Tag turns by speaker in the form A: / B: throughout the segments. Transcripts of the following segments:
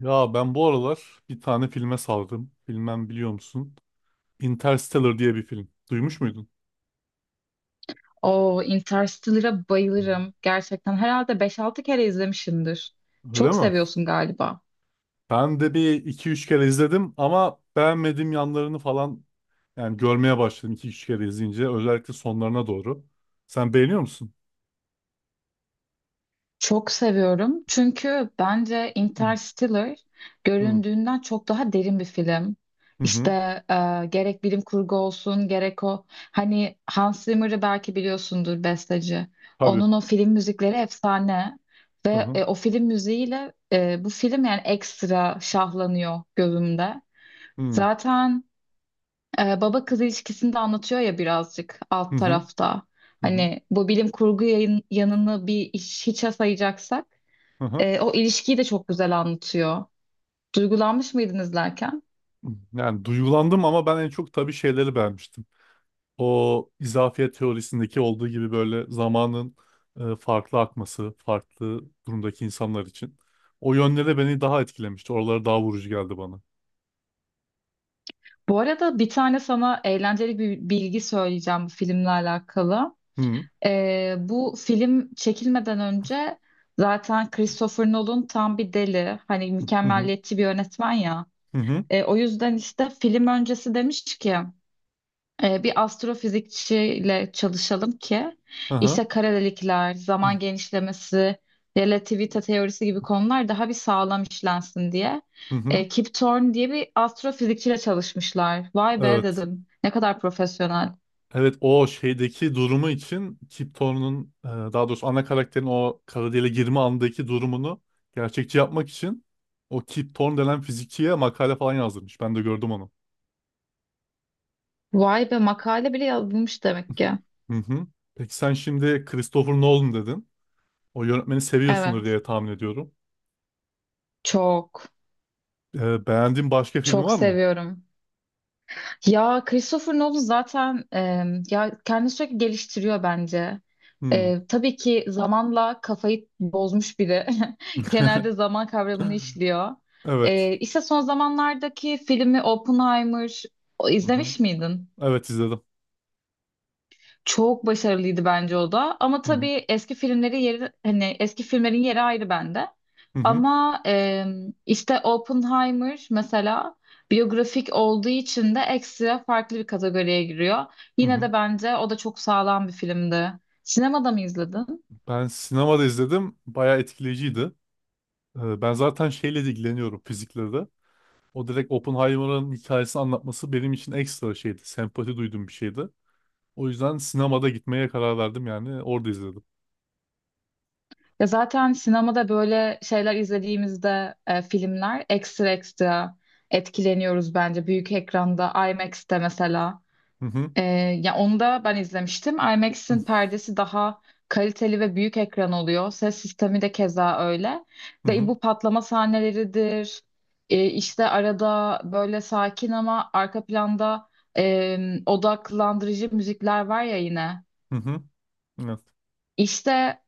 A: Ya ben bu aralar bir tane filme sardım. Bilmem biliyor musun? Interstellar diye bir film. Duymuş muydun?
B: O Interstellar'a bayılırım. Gerçekten herhalde beş altı kere izlemişimdir.
A: Öyle
B: Çok
A: mi?
B: seviyorsun galiba.
A: Ben de bir iki üç kere izledim ama beğenmediğim yanlarını falan yani görmeye başladım iki üç kere izleyince. Özellikle sonlarına doğru. Sen beğeniyor musun?
B: Çok seviyorum. Çünkü bence
A: Hı
B: Interstellar
A: hı
B: göründüğünden çok daha derin bir film.
A: hı.
B: İşte
A: Hı.
B: gerek bilim kurgu olsun gerek o hani Hans Zimmer'ı belki biliyorsundur besteci.
A: Tabii.
B: Onun o film müzikleri efsane
A: Hı
B: ve
A: hı
B: o film müziğiyle bu film yani ekstra şahlanıyor gözümde.
A: hı
B: Zaten baba kız ilişkisini de anlatıyor ya birazcık alt
A: hı
B: tarafta.
A: hı hı.
B: Hani bu bilim kurgu yayın, yanını bir iş, hiçe sayacaksak
A: Hı hı.
B: o ilişkiyi de çok güzel anlatıyor. Duygulanmış mıydın izlerken?
A: Yani duygulandım ama ben en çok tabii şeyleri beğenmiştim. O izafiyet teorisindeki olduğu gibi böyle zamanın farklı akması, farklı durumdaki insanlar için. O yönleri beni daha etkilemişti. Oraları daha vurucu geldi bana.
B: Bu arada bir tane sana eğlenceli bir bilgi söyleyeceğim bu filmle alakalı.
A: Hı
B: Bu film çekilmeden önce zaten Christopher Nolan tam bir deli. Hani
A: hı hı
B: mükemmeliyetçi bir yönetmen ya.
A: hı hı,
B: O yüzden işte film öncesi demiş ki bir astrofizikçiyle çalışalım ki
A: aha,
B: işte kara delikler,
A: hı
B: zaman genişlemesi, relativite teorisi gibi konular daha bir sağlam işlensin diye.
A: hı.
B: Kip Thorne diye bir astrofizikçiyle çalışmışlar. Vay be
A: Evet.
B: dedim. Ne kadar profesyonel.
A: Evet, o şeydeki durumu için Kip Thorne'un, daha doğrusu ana karakterin o kara deliğe girme andaki durumunu gerçekçi yapmak için o Kip Thorne denen fizikçiye makale falan yazdırmış. Ben de gördüm onu.
B: Vay be makale bile yazılmış demek ki.
A: Hı hı. Peki sen şimdi Christopher Nolan dedin. O yönetmeni seviyorsundur
B: Evet.
A: diye tahmin ediyorum.
B: Çok,
A: Beğendiğin başka film
B: çok
A: var mı?
B: seviyorum. Ya Christopher Nolan zaten ya kendini sürekli geliştiriyor bence.
A: Hmm.
B: Tabii ki zamanla kafayı bozmuş biri. Genelde zaman kavramını işliyor.
A: Evet.
B: E, işte son zamanlardaki filmi Oppenheimer
A: Hı hı.
B: izlemiş miydin?
A: Evet, izledim.
B: Çok başarılıydı bence o da. Ama
A: Hı hı.
B: tabii eski filmlerin yeri ayrı bende.
A: Hı hı.
B: Ama işte Oppenheimer mesela biyografik olduğu için de ekstra farklı bir kategoriye giriyor.
A: Hı
B: Yine
A: hı.
B: de bence o da çok sağlam bir filmdi. Sinemada mı izledin?
A: Ben sinemada izledim. Bayağı etkileyiciydi. Ben zaten şeyle de ilgileniyorum, fizikle de. O direkt Oppenheimer'ın hikayesini anlatması benim için ekstra şeydi. Sempati duyduğum bir şeydi. O yüzden sinemada gitmeye karar verdim yani. Orada izledim.
B: Ya zaten sinemada böyle şeyler izlediğimizde filmler ekstra ekstra etkileniyoruz bence büyük ekranda IMAX'te mesela.
A: Hı hı.
B: Ee, ya onu da ben izlemiştim. IMAX'in perdesi daha kaliteli ve büyük ekran oluyor. Ses sistemi de keza öyle.
A: Hı
B: Ve
A: hı.
B: bu patlama sahneleridir. İşte arada böyle sakin ama arka planda e, odaklandırıcı müzikler var ya yine.
A: Hı hı. Evet.
B: İşte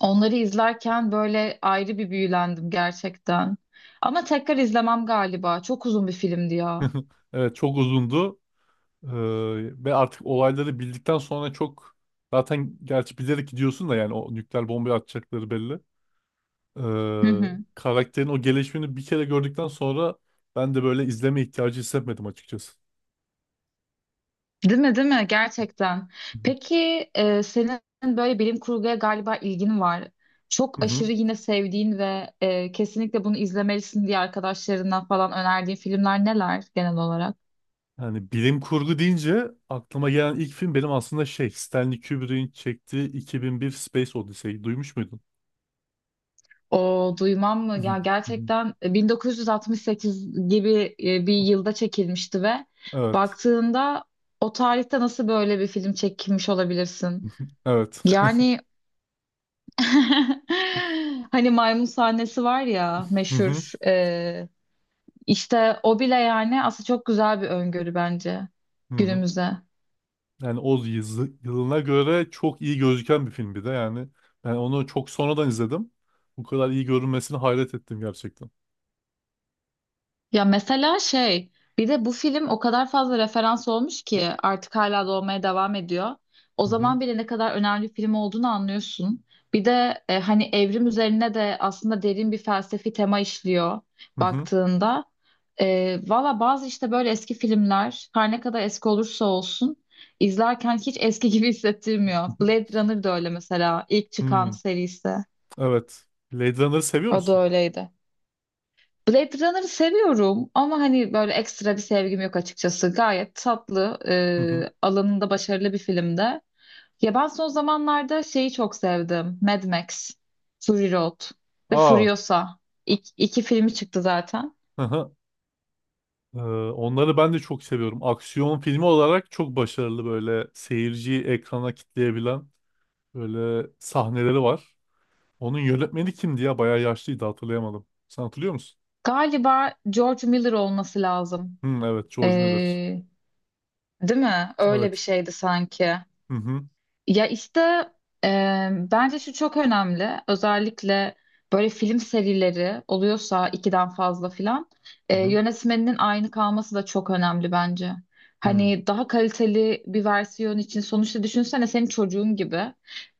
B: onları izlerken böyle ayrı bir büyülendim gerçekten. Ama tekrar izlemem galiba. Çok uzun bir filmdi ya.
A: Evet, çok uzundu. Ve artık olayları bildikten sonra çok, zaten gerçi bilerek gidiyorsun da yani o nükleer bombayı atacakları belli. Ee,
B: Hı hı.
A: Karakterin o gelişimini bir kere gördükten sonra ben de böyle izleme ihtiyacı hissetmedim açıkçası.
B: Değil mi, değil mi? Gerçekten.
A: Hı
B: Peki senin böyle bilim kurguya galiba ilgin var.
A: hı.
B: Çok
A: Hı hı.
B: aşırı yine sevdiğin ve kesinlikle bunu izlemelisin diye arkadaşlarından falan önerdiğin filmler neler genel olarak?
A: Yani bilim kurgu deyince aklıma gelen ilk film benim aslında şey, Stanley Kubrick'in çektiği 2001 Space Odyssey'yi duymuş muydun?
B: O duymam mı?
A: Hı
B: Ya
A: hı.
B: gerçekten 1968 gibi bir yılda çekilmişti ve
A: Evet.
B: baktığında o tarihte nasıl böyle bir film çekilmiş olabilirsin?
A: Evet.
B: Yani hani maymun sahnesi var ya
A: Hı hı.
B: meşhur. İşte o bile yani aslında çok güzel bir öngörü bence
A: Hı hı.
B: günümüze.
A: Yani o yılına göre çok iyi gözüken bir film bir de yani. Ben onu çok sonradan izledim. Bu kadar iyi görünmesine hayret ettim gerçekten.
B: Ya mesela şey bir de bu film o kadar fazla referans olmuş ki artık hala da devam ediyor. O
A: Hı hı.
B: zaman bile ne kadar önemli bir film olduğunu anlıyorsun. Bir de hani evrim üzerine de aslında derin bir felsefi tema işliyor
A: Hı hı.
B: baktığında. Valla bazı işte böyle eski filmler her ne kadar eski olursa olsun izlerken hiç eski gibi hissettirmiyor.
A: Hı hı.
B: Blade Runner da öyle mesela ilk çıkan
A: Hmm,
B: serisi.
A: evet. Blade Runner'ı seviyor
B: O da
A: musun?
B: öyleydi. Blade Runner'ı seviyorum ama hani böyle ekstra bir sevgim yok açıkçası. Gayet tatlı,
A: Hı hı.
B: alanında başarılı bir filmde. Ya ben son zamanlarda şeyi çok sevdim. Mad Max, Fury Road ve
A: Aa.
B: Furiosa. İk, iki filmi çıktı zaten.
A: Hı hı. Ee, Onları ben de çok seviyorum. Aksiyon filmi olarak çok başarılı, böyle seyirciyi ekrana kitleyebilen böyle sahneleri var. Onun yönetmeni kimdi ya? Bayağı yaşlıydı, hatırlayamadım. Sen hatırlıyor musun?
B: Galiba George Miller olması lazım.
A: Hı, evet, George Miller.
B: E, Değil mi? Öyle bir
A: Evet.
B: şeydi sanki.
A: Hı hı.
B: Ya işte bence şu çok önemli. Özellikle böyle film serileri oluyorsa ikiden fazla filan
A: Hı hı.
B: yönetmeninin aynı kalması da çok önemli bence.
A: Hı.
B: Hani daha kaliteli bir versiyon için sonuçta düşünsene senin çocuğun gibi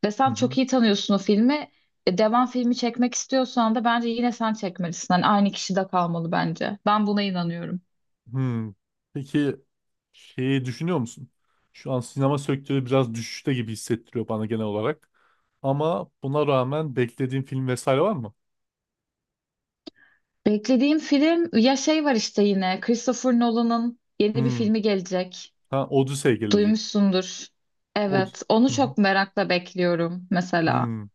B: ve
A: Hı
B: sen
A: hı.
B: çok iyi tanıyorsun o filmi. Devam filmi çekmek istiyorsan da bence yine sen çekmelisin. Hani aynı kişi de kalmalı bence. Ben buna inanıyorum.
A: Hmm. Peki şeyi düşünüyor musun? Şu an sinema sektörü biraz düşüşte gibi hissettiriyor bana genel olarak. Ama buna rağmen beklediğin film vesaire var mı?
B: Beklediğim film ya şey var işte yine Christopher Nolan'ın yeni bir
A: Hmm.
B: filmi gelecek.
A: Ha, Odyssey gelecek.
B: Duymuşsundur.
A: Od
B: Evet. Onu
A: hı hı.
B: çok merakla bekliyorum mesela.
A: Hmm.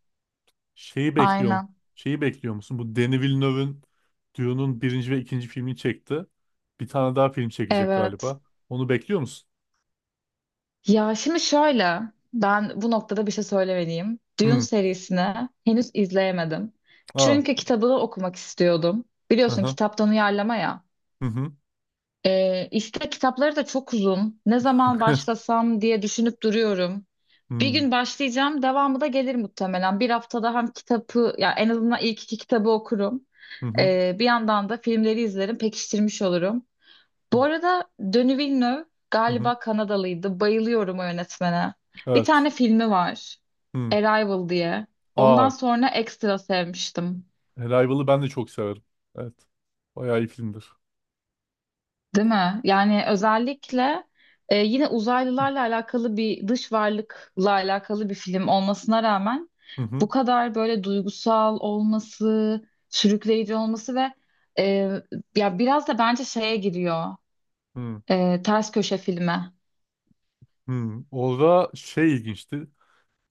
A: Şeyi bekliyorum.
B: Aynen.
A: Şeyi bekliyor musun? Bu Denis Villeneuve'ın Dune'un birinci ve ikinci filmini çekti. Bir tane daha film çekecek
B: Evet.
A: galiba. Onu bekliyor musun?
B: Ya şimdi şöyle. Ben bu noktada bir şey söylemeliyim. Dune
A: Hmm.
B: serisini henüz izleyemedim.
A: Aa.
B: Çünkü kitabını okumak istiyordum. Biliyorsun
A: Aha,
B: kitaptan uyarlama ya.
A: hı. Hı
B: İstek kitapları da çok uzun. Ne zaman
A: hı.
B: başlasam diye düşünüp duruyorum. Bir
A: Hmm.
B: gün başlayacağım, devamı da gelir muhtemelen. Bir haftada hem kitabı, ya en azından ilk iki kitabı okurum.
A: Hı hı.
B: Bir yandan da filmleri izlerim, pekiştirmiş olurum. Bu arada Denis Villeneuve
A: Hı hı.
B: galiba Kanadalıydı. Bayılıyorum o yönetmene. Bir tane
A: Evet.
B: filmi var,
A: Hmm.
B: Arrival diye. Ondan
A: Aa,
B: sonra ekstra sevmiştim.
A: Arrival'ı ben de çok severim. Evet. Bayağı iyi filmdir.
B: Değil mi? Yani özellikle yine uzaylılarla alakalı bir dış varlıkla alakalı bir film olmasına rağmen
A: Hı
B: bu
A: hı.
B: kadar böyle duygusal olması, sürükleyici olması ve e, ya biraz da bence şeye giriyor
A: Hı
B: ters köşe filme,
A: hı. Orada şey ilginçti.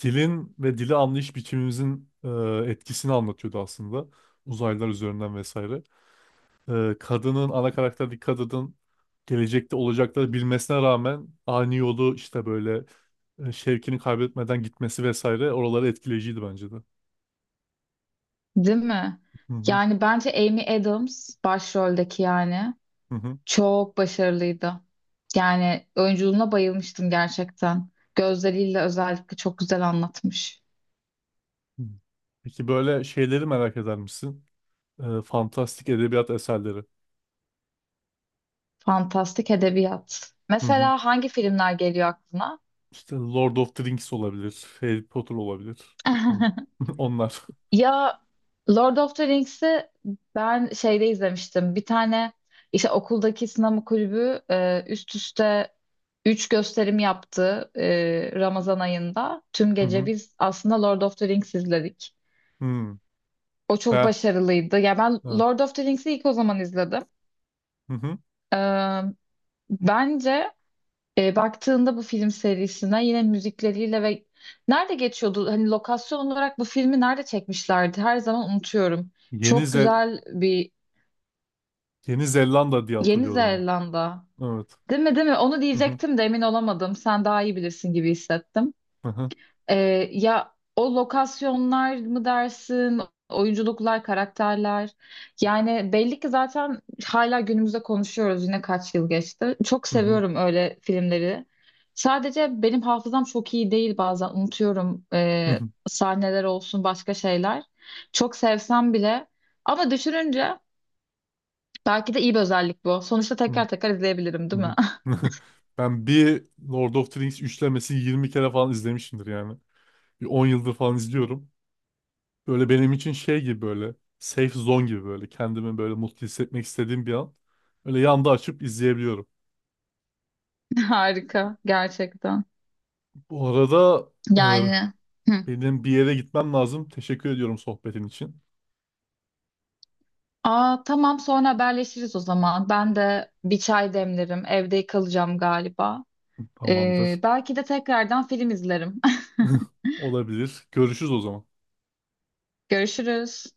A: Dilin ve dili anlayış biçimimizin etkisini anlatıyordu aslında. Uzaylılar üzerinden vesaire. E, kadının, ana karakterdeki kadının gelecekte olacakları bilmesine rağmen ani yolu işte böyle, şevkini kaybetmeden gitmesi vesaire, oraları etkileyiciydi bence de.
B: değil mi?
A: Hı hı.
B: Yani bence Amy Adams başroldeki yani
A: Hı hı.
B: çok başarılıydı. Yani oyunculuğuna bayılmıştım gerçekten. Gözleriyle özellikle çok güzel anlatmış.
A: Hı. Peki böyle şeyleri merak eder misin? E, fantastik edebiyat eserleri.
B: Fantastik edebiyat.
A: Hı hı.
B: Mesela hangi filmler geliyor aklına?
A: İşte Lord of the Rings olabilir. Harry Potter olabilir. On- Onlar.
B: Ya Lord of the Rings'i ben şeyde izlemiştim. Bir tane işte okuldaki sinema kulübü üst üste 3 gösterim yaptı Ramazan ayında. Tüm
A: Hı
B: gece
A: hı.
B: biz aslında Lord of the Rings izledik.
A: Hı.
B: O çok
A: Ha,
B: başarılıydı. Ya ben
A: evet.
B: Lord of the Rings'i ilk o zaman izledim.
A: Hı hı.
B: E, bence baktığında bu film serisine yine müzikleriyle ve nerede geçiyordu? Hani lokasyon olarak bu filmi nerede çekmişlerdi? Her zaman unutuyorum.
A: Yeni
B: Çok
A: Zel
B: güzel bir
A: Yeni Zelanda diye
B: Yeni
A: hatırlıyorum bu.
B: Zelanda.
A: Evet.
B: Değil mi, değil mi? Onu
A: Hı hı.
B: diyecektim de emin olamadım. Sen daha iyi bilirsin gibi hissettim.
A: Hı hı.
B: Ya o lokasyonlar mı dersin, oyunculuklar, karakterler. Yani belli ki zaten hala günümüzde konuşuyoruz yine kaç yıl geçti. Çok
A: Hı hı.
B: seviyorum öyle filmleri. Sadece benim hafızam çok iyi değil bazen unutuyorum
A: Hı hı.
B: sahneler olsun başka şeyler. Çok sevsem bile ama düşününce belki de iyi bir özellik bu. Sonuçta
A: Hı
B: tekrar tekrar izleyebilirim, değil
A: hı.
B: mi?
A: Ben bir Lord of the Rings üçlemesini 20 kere falan izlemişimdir yani. Bir 10 yıldır falan izliyorum. Böyle benim için şey gibi, böyle safe zone gibi, böyle kendimi böyle mutlu hissetmek istediğim bir an. Öyle yanda açıp izleyebiliyorum.
B: Harika gerçekten.
A: Bu arada,
B: Yani hı.
A: benim bir yere gitmem lazım. Teşekkür ediyorum sohbetin için.
B: Aa tamam sonra haberleşiriz o zaman. Ben de bir çay demlerim. Evde kalacağım galiba.
A: Tamamdır.
B: Belki de tekrardan film izlerim.
A: Olabilir. Görüşürüz o zaman.
B: Görüşürüz.